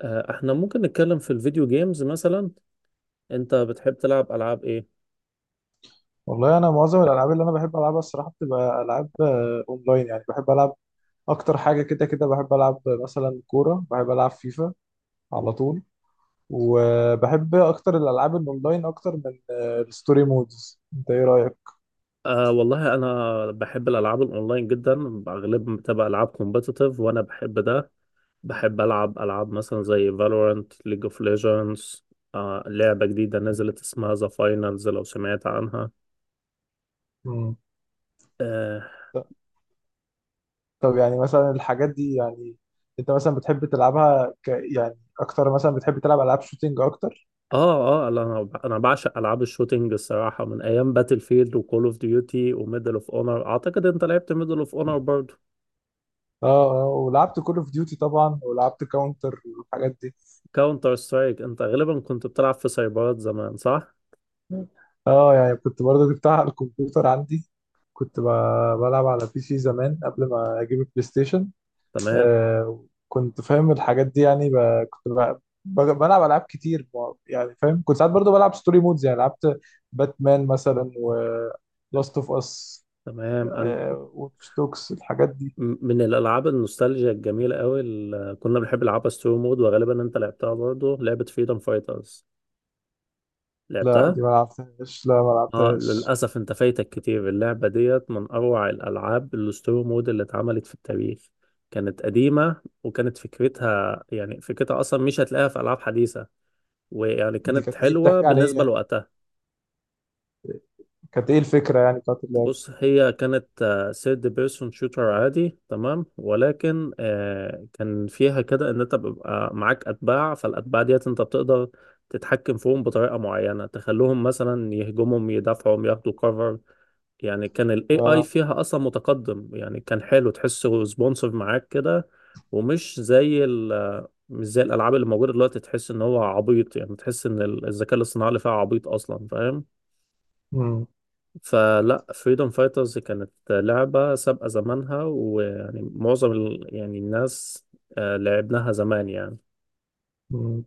احنا ممكن نتكلم في الفيديو جيمز مثلا. انت بتحب تلعب العاب ايه؟ والله انا معظم الالعاب اللي انا بحب العبها الصراحه بتبقى العاب اونلاين، يعني بحب العب اكتر حاجه. كده كده بحب العب مثلا كوره، بحب العب فيفا على طول. وبحب اكتر الالعاب الاونلاين اكتر من الستوري مودز. انت ايه رايك؟ والله انا بحب الالعاب الاونلاين جدا. اغلبها بتبقى العاب كومبتيتيف وانا بحب ده. بحب العب العاب مثلا زي فالورانت، ليج اوف ليجندز. آه لعبة جديدة نزلت اسمها ذا فاينلز، لو سمعت عنها. مم. اه، ط- طب يعني مثلا الحاجات دي يعني انت مثلا بتحب تلعبها يعني اكتر؟ مثلا بتحب تلعب العاب شوتينج اكتر؟ اه، انا بعشق العاب الشوتينج الصراحة، من ايام باتل فيلد وكول اوف ديوتي وميدل اوف اونر. اعتقد انت لعبت ميدل اوف اونر. اه اه، ولعبت كول اوف ديوتي طبعا، ولعبت كاونتر والحاجات دي. كاونتر سترايك انت غالبا كنت بتلعب في سايبرات زمان، صح؟ اه يعني كنت برضه جبتها على الكمبيوتر عندي. كنت بلعب على بي سي زمان قبل ما اجيب البلاي ستيشن. تمام. كنت فاهم الحاجات دي يعني كنت ب... بلعب العاب كتير يعني فاهم. كنت ساعات برضو بلعب ستوري مودز، يعني لعبت باتمان مثلا، و لاست اوف اس، تمام. انت واتش دوكس، الحاجات دي. من الالعاب النوستالجيا الجميله قوي اللي كنا بنحب نلعبها ستوري مود، وغالبا انت لعبتها برضه لعبه فريدم فايترز. لا، لعبتها؟ دي ما لعبتهاش، لا ما اه، لعبتهاش. للاسف انت فايتك كتير. اللعبه ديت من اروع الالعاب الستوري مود اللي اتعملت في التاريخ. كانت قديمه، وكانت فكرتها اصلا مش هتلاقيها في العاب حديثه. ويعني دي كانت كانت ايه؟ حلوه بتحكي عن ايه بالنسبه يعني؟ لوقتها. كانت ايه الفكرة يعني بتاعت اللعبة؟ بص، هي كانت سيرد بيرسون شوتر عادي تمام، ولكن كان فيها كده ان انت بيبقى معاك اتباع، فالاتباع ديت انت بتقدر تتحكم فيهم بطريقه معينه، تخلوهم مثلا يهجمهم، يدافعوا، ياخدوا كفر. يعني كان الاي اي اه. فيها اصلا متقدم، يعني كان حلو، تحسه سبونسر معاك كده. ومش زي ال آه، مش زي الالعاب اللي موجوده دلوقتي، تحس ان هو عبيط. يعني تحس ان الذكاء الاصطناعي اللي فيها عبيط اصلا، فاهم. فلا فريدom فايترز كانت لعبة سابقة زمانها. ويعني معظم ال... يعني الناس لعبناها زمان يعني. مم.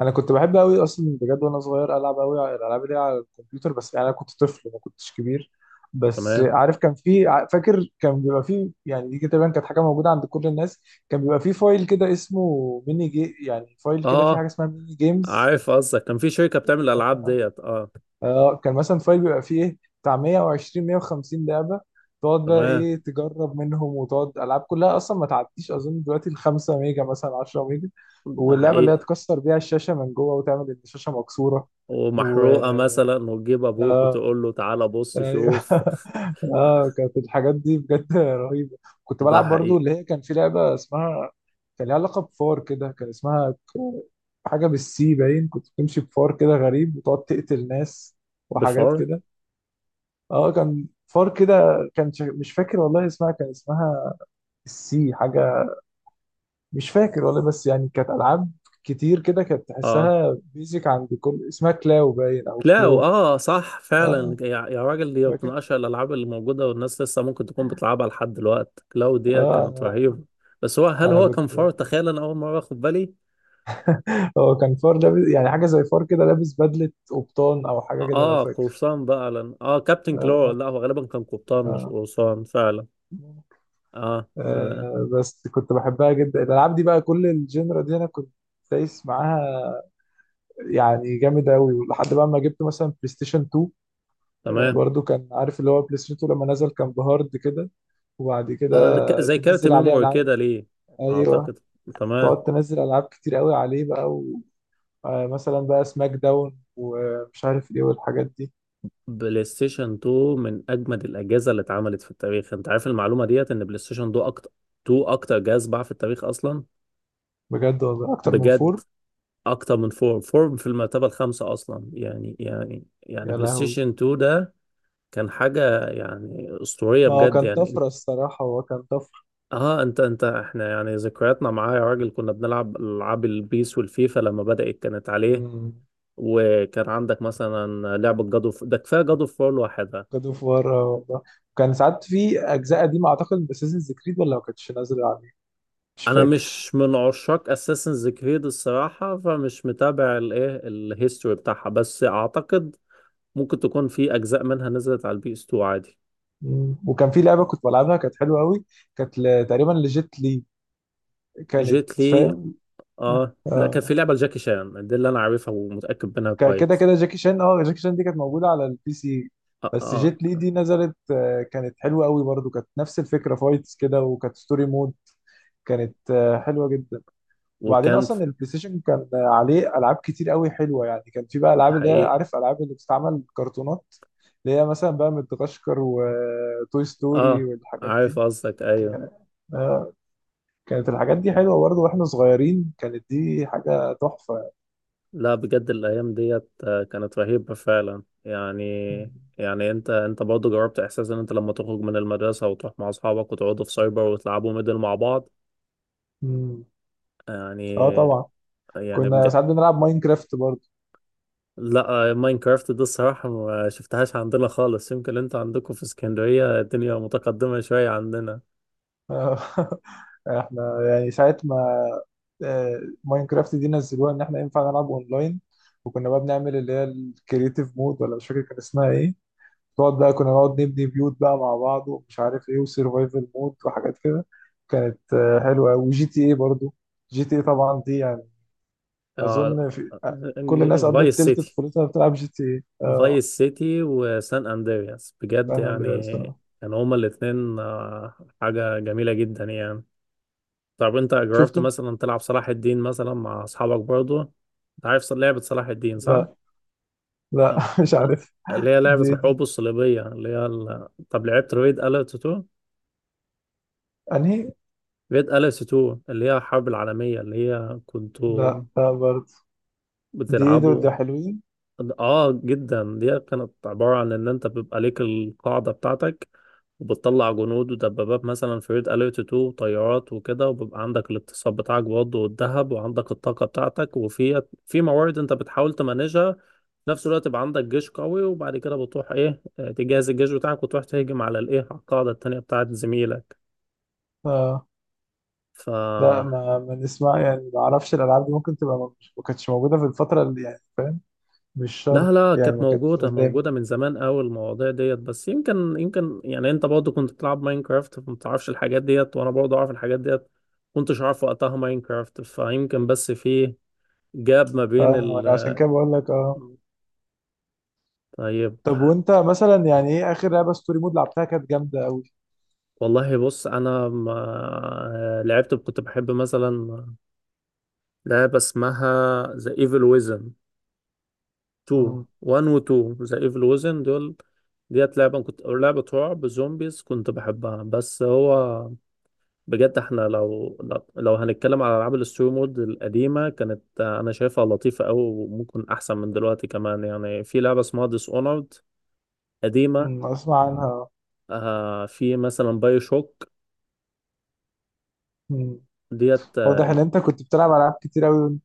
انا كنت بحب قوي اصلا، بجد، وانا صغير العب قوي على الالعاب اللي هي على الكمبيوتر، بس يعني انا كنت طفل ما كنتش كبير. بس تمام. عارف كان في فاكر كان بيبقى في، يعني دي كده تقريبا كانت حاجه موجوده عند كل الناس. كان بيبقى في فايل كده اسمه ميني جي، يعني فايل كده، في حاجه اه، اسمها ميني جيمز. عارف قصدك. كان في شركة بتعمل الألعاب ديت. اه. اه كان مثلا فايل بيبقى فيه ايه، بتاع 120 150 لعبه. تقعد بقى تمام. ايه تجرب منهم، وتقعد العاب كلها اصلا ما تعديش اظن دلوقتي ال 5 ميجا، مثلا 10 ميجا. ده واللعبه اللي هي حقيقي. تكسر بيها الشاشه من جوه وتعمل ان الشاشه مكسوره و... ومحروقة مثلا، وتجيب أبوك اه وتقول له تعالى بص ايوه شوف. اه كانت الحاجات دي بجد رهيبه. كنت ده بلعب برضو حقيقي. اللي هي كان في لعبه اسمها، كان ليها علاقه بفار كده، كان اسمها حاجه بالسي باين، كنت بتمشي بفار كده غريب، وتقعد تقتل ناس وحاجات بفار. كده. اه كان فار كده. كان مش فاكر والله اسمها، كان اسمها السي حاجه، مش فاكر والله، بس يعني كانت العاب كتير كده، كانت تحسها بيزك عند كل اسمها كلاو باين او لا، كلو. اه صح فعلا، اه يا راجل، دي من فاكر، اشهر الالعاب اللي موجوده والناس لسه ممكن تكون بتلعبها لحد دلوقتي. كلاو دي كانت اه. رهيبه. بس انا هل انا هو كان فار؟ كنت، تخيل انا اول مره اخد بالي. هو كان فار لابس، يعني حاجه زي فار كده لابس بدله قبطان او حاجه كده لو اه، فاكر. قرصان بقى لن. اه كابتن كلو. اه لا، هو غالبا كان قبطان مش اه. قرصان فعلا. اه. بس كنت بحبها جدا الالعاب دي، بقى كل الجينرا دي انا كنت دايس معاها، يعني جامد قوي، لحد بقى ما جبت مثلا بلاي ستيشن 2. تمام. برضو كان عارف اللي هو بلاي ستيشن 2 لما نزل كان بهارد كده، وبعد كده زي كارت تنزل عليه ميموري العاب. كده، ليه. ايوه، اعتقد. تمام. تقعد تنزل العاب كتير قوي عليه بقى، ومثلا بقى سماك داون ومش عارف ايه والحاجات دي. بلاي ستيشن 2 من اجمد الاجهزه اللي اتعملت في التاريخ. انت عارف المعلومه ديت، ان بلاي ستيشن 2 اكتر، 2 اكتر جهاز باع في التاريخ اصلا. بجد والله اكتر من بجد. فور؟ اكتر من فور. فور في المرتبه الخامسه اصلا. يعني يا بلاي لهوي. ستيشن 2 ده كان حاجه يعني اسطوريه ما هو بجد. كان يعني طفره الصراحه، هو كان طفره. اه، انت انت احنا يعني ذكرياتنا معاه يا راجل، كنا بنلعب العاب البيس والفيفا لما بدات كانت عليه. امم. وكان عندك مثلا لعبه ده كفايه جادو فور لوحدها. جاد اوف وار والله. كان ساعات في اجزاء قديمه، اعتقد باساسنز كريد، ولا ما كانتش نازله عليه، مش انا فاكر. مش من عشاق اساسنز كريد الصراحه، فمش متابع الايه الهيستوري بتاعها، بس اعتقد ممكن تكون في اجزاء منها نزلت على البي اس 2 عادي. مم. وكان في لعبه كنت بلعبها كانت حلوه قوي، كانت تقريبا لجيت لي، كانت... جيت لي. فاهم. اه، لا، كان في اه لعبة لجاكي شان دي اللي انا عارفها ومتأكد منها كده كويس. كده جاكي شان، جاكي شان دي كانت موجودة على البي سي، اه بس اه. جيت لي دي نزلت، كانت حلوة قوي برضو، كانت نفس الفكرة، فايتس كده، وكانت ستوري مود. كانت حلوة جدا. وبعدين وكان ف- اصلا البلاي ستيشن كان عليه العاب كتير قوي حلوة. يعني كان في بقى العاب اللي هي حقيقي. عارف العاب اللي بتستعمل كرتونات، اللي هي مثلا بقى مدغشقر وتوي ستوري اه، والحاجات عارف دي. قصدك. كان- ايوه. آه، كانت الحاجات دي حلوة برضو، واحنا صغيرين كانت دي حاجة تحفة. لا بجد الايام ديت كانت رهيبة فعلا يعني. يعني انت برضه جربت احساس ان انت لما تخرج من المدرسة وتروح مع اصحابك وتقعدوا في سايبر وتلعبوا ميدل مع بعض. مم. اه يعني. طبعا، يعني كنا بجد. ساعات بنلعب ماينكرافت برضه. لا ماينكرافت دي الصراحة ما شفتهاش عندنا خالص، يمكن انت عندكم في اسكندرية الدنيا متقدمة شوية عندنا. آه، احنا يعني ساعة ما ماينكرافت دي نزلوها ان احنا ينفع نلعب اونلاين. وكنا بقى بنعمل اللي هي الكرييتيف مود، ولا مش فاكر كان اسمها ايه، تقعد بقى كنا نقعد نبني بيوت بقى مع بعض ومش عارف ايه، وسرفايفل مود وحاجات كده. كانت حلوة أوي. وجي تي ايه برضه، جي تي ايه طبعا دي يعني اه، اظن في كل الناس قضت فايس تلت سيتي. طفولتها بتلعب جي تي ايه، اه. فايس سيتي وسان اندرياس بجد سان اندرياس يعني. آه. كانوا هما الاتنين حاجة جميلة جدا يعني. طب انت شفت جربت انت؟ مثلا تلعب صلاح الدين مثلا مع اصحابك برضو انت؟ عارف لعبة صلاح الدين صح؟ لا. لا آه، مش عارف. اللي هي لعبة دي الحروب الصليبية، اللي هي طب لعبت ريد أليرت 2؟ انهي؟ ريد أليرت 2 اللي هي الحرب العالمية اللي هي كنتوا لا لا برضه دي دول، بتلعبوا. ده حلوين. اه جدا، دي كانت عبارة عن ان انت بيبقى ليك القاعدة بتاعتك، وبتطلع جنود ودبابات مثلا في ريد اليرت 2 وطيارات وكده، وبيبقى عندك الاقتصاد بتاعك برضه والذهب، وعندك الطاقة بتاعتك، وفي موارد انت بتحاول تمانجها في نفس الوقت يبقى عندك جيش قوي، وبعد كده بتروح ايه تجهز الجيش بتاعك، وتروح تهجم على الايه، على القاعدة التانية بتاعت زميلك. اه ف لا، ما نسمع يعني، ما اعرفش الالعاب دي ممكن تبقى مش، ما كانتش موجوده في الفتره اللي يعني فاهم، مش لا شرط لا، يعني كانت ما كانتش موجودة قدامي. موجودة من زمان أوي المواضيع ديت، بس يمكن يعني أنت برضه كنت بتلعب ماينكرافت فما تعرفش الحاجات ديت، وأنا برضه أعرف الحاجات ديت. كنتش أعرف وقتها ماينكرافت، فيمكن بس في جاب ما بين اه ال. انا عشان كده بقول لك. اه طيب، طب وانت مثلا يعني ايه اخر لعبه ستوري مود لعبتها كانت جامده قوي؟ والله بص، أنا ما لعبت كنت بحب مثلا لعبة اسمها ذا ايفل ويزن 2. امم. 1 و 2 ذا ايفل ويزن دول ديت لعبة كنت، أو لعبة رعب زومبيز كنت بحبها. بس هو بجد، احنا لو هنتكلم على العاب الستوري مود القديمه، كانت انا شايفها لطيفه قوي وممكن احسن من دلوقتي كمان. يعني في لعبه اسمها ديس اونرد، قديمه. اسمع عنها. آه في مثلا باي شوك أمم. ديت. اه واضح ان انت كنت بتلعب العاب كتير قوي وانت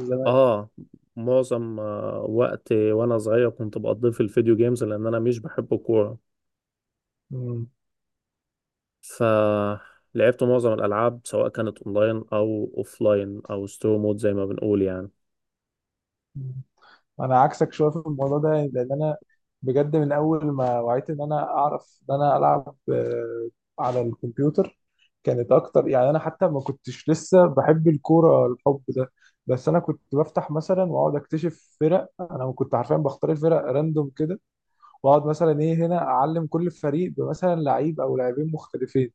زمان. آه، معظم وقت وانا صغير كنت بقضيه في الفيديو جيمز، لان انا مش بحب الكوره، فلعبت معظم الالعاب سواء كانت اونلاين او اوفلاين او ستوري مود زي ما بنقول يعني. امم. انا عكسك شويه في الموضوع ده، لان انا بجد من اول ما وعيت ان انا اعرف ان انا العب على الكمبيوتر كانت اكتر. يعني انا حتى ما كنتش لسه بحب الكوره الحب ده، بس انا كنت بفتح مثلا واقعد اكتشف فرق، انا كنت حرفيا بختار الفرق راندوم كده، واقعد مثلا ايه هنا اعلم كل فريق بمثلا لعيب او لاعبين مختلفين،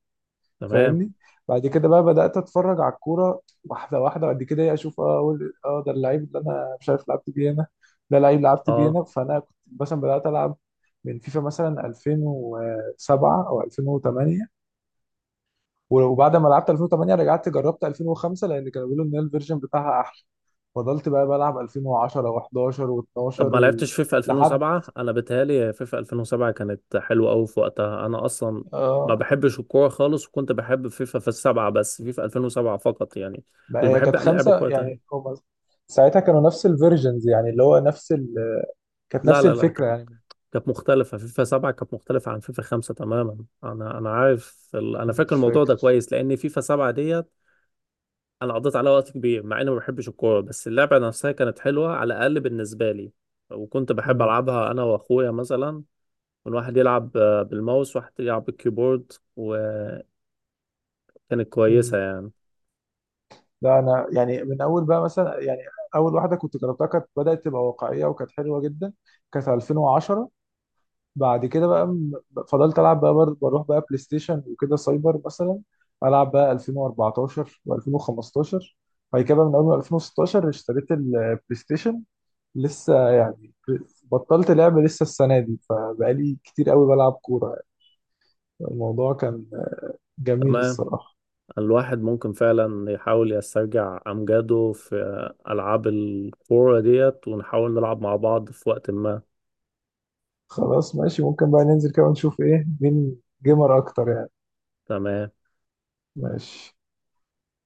تمام. فاهمني. بعد كده بقى بدأت اتفرج على الكورة واحدة واحدة، بعد كده إيه اشوف اه أقول اه ده اللعيب اللي انا مش عارف لعبت بيه هنا، ده لعيب لعبت بيه اه. هنا. فانا كنت مثلا بدأت العب من فيفا مثلا 2007 او 2008، وبعد ما لعبت 2008 رجعت جربت 2005 لان كانوا بيقولوا ان الفيرجن بتاعها احلى. فضلت بقى بلعب 2010 و11 و12 طب ما و... لعبتش فيفا لحد 2007؟ انا بتهيالي فيفا 2007 كانت حلوه قوي في وقتها. انا اصلا ما اه. بحبش الكوره خالص، وكنت بحب فيفا في السبعه، بس فيفا 2007 فقط يعني. بقى مش هي بحب كانت لعب خمسة كوره تاني. يعني، هما ساعتها كانوا نفس الفيرجنز، يعني اللي هو نفس ال... كانت لا نفس لا لا، الفكرة كانت يعني. كانت مختلفه. فيفا 7 كانت مختلفه عن فيفا 5 تماما. انا عارف انا فاكر مش الموضوع فاكر. ده كويس، لان فيفا 7 ديت انا قضيت عليها وقت كبير، مع اني ما بحبش الكوره، بس اللعبه نفسها كانت حلوه، على الاقل بالنسبه لي. وكنت بحب مم. العبها انا واخويا مثلا. كان واحد يلعب بالماوس، واحد يلعب بالكيبورد، وكانت كويسة مم. يعني. لا انا يعني من اول بقى مثلا يعني اول واحده كنت جربتها كانت بدات تبقى واقعيه وكانت حلوه جدا، كانت 2010. بعد كده بقى فضلت العب بقى بروح بقى بلاي ستيشن وكده سايبر مثلا، العب بقى 2014 و2015. بعد كده بقى من اول 2016 اشتريت البلاي ستيشن، لسه يعني بطلت لعب لسه السنه دي، فبقالي كتير قوي بلعب كوره. الموضوع كان جميل تمام. الصراحه. الواحد ممكن فعلا يحاول يسترجع أمجاده في ألعاب الكورة ديت، ونحاول نلعب مع بعض في وقت ما. خلاص ماشي، ممكن بقى ننزل كده ونشوف ايه مين جيمر اكتر يعني. تمام ماشي.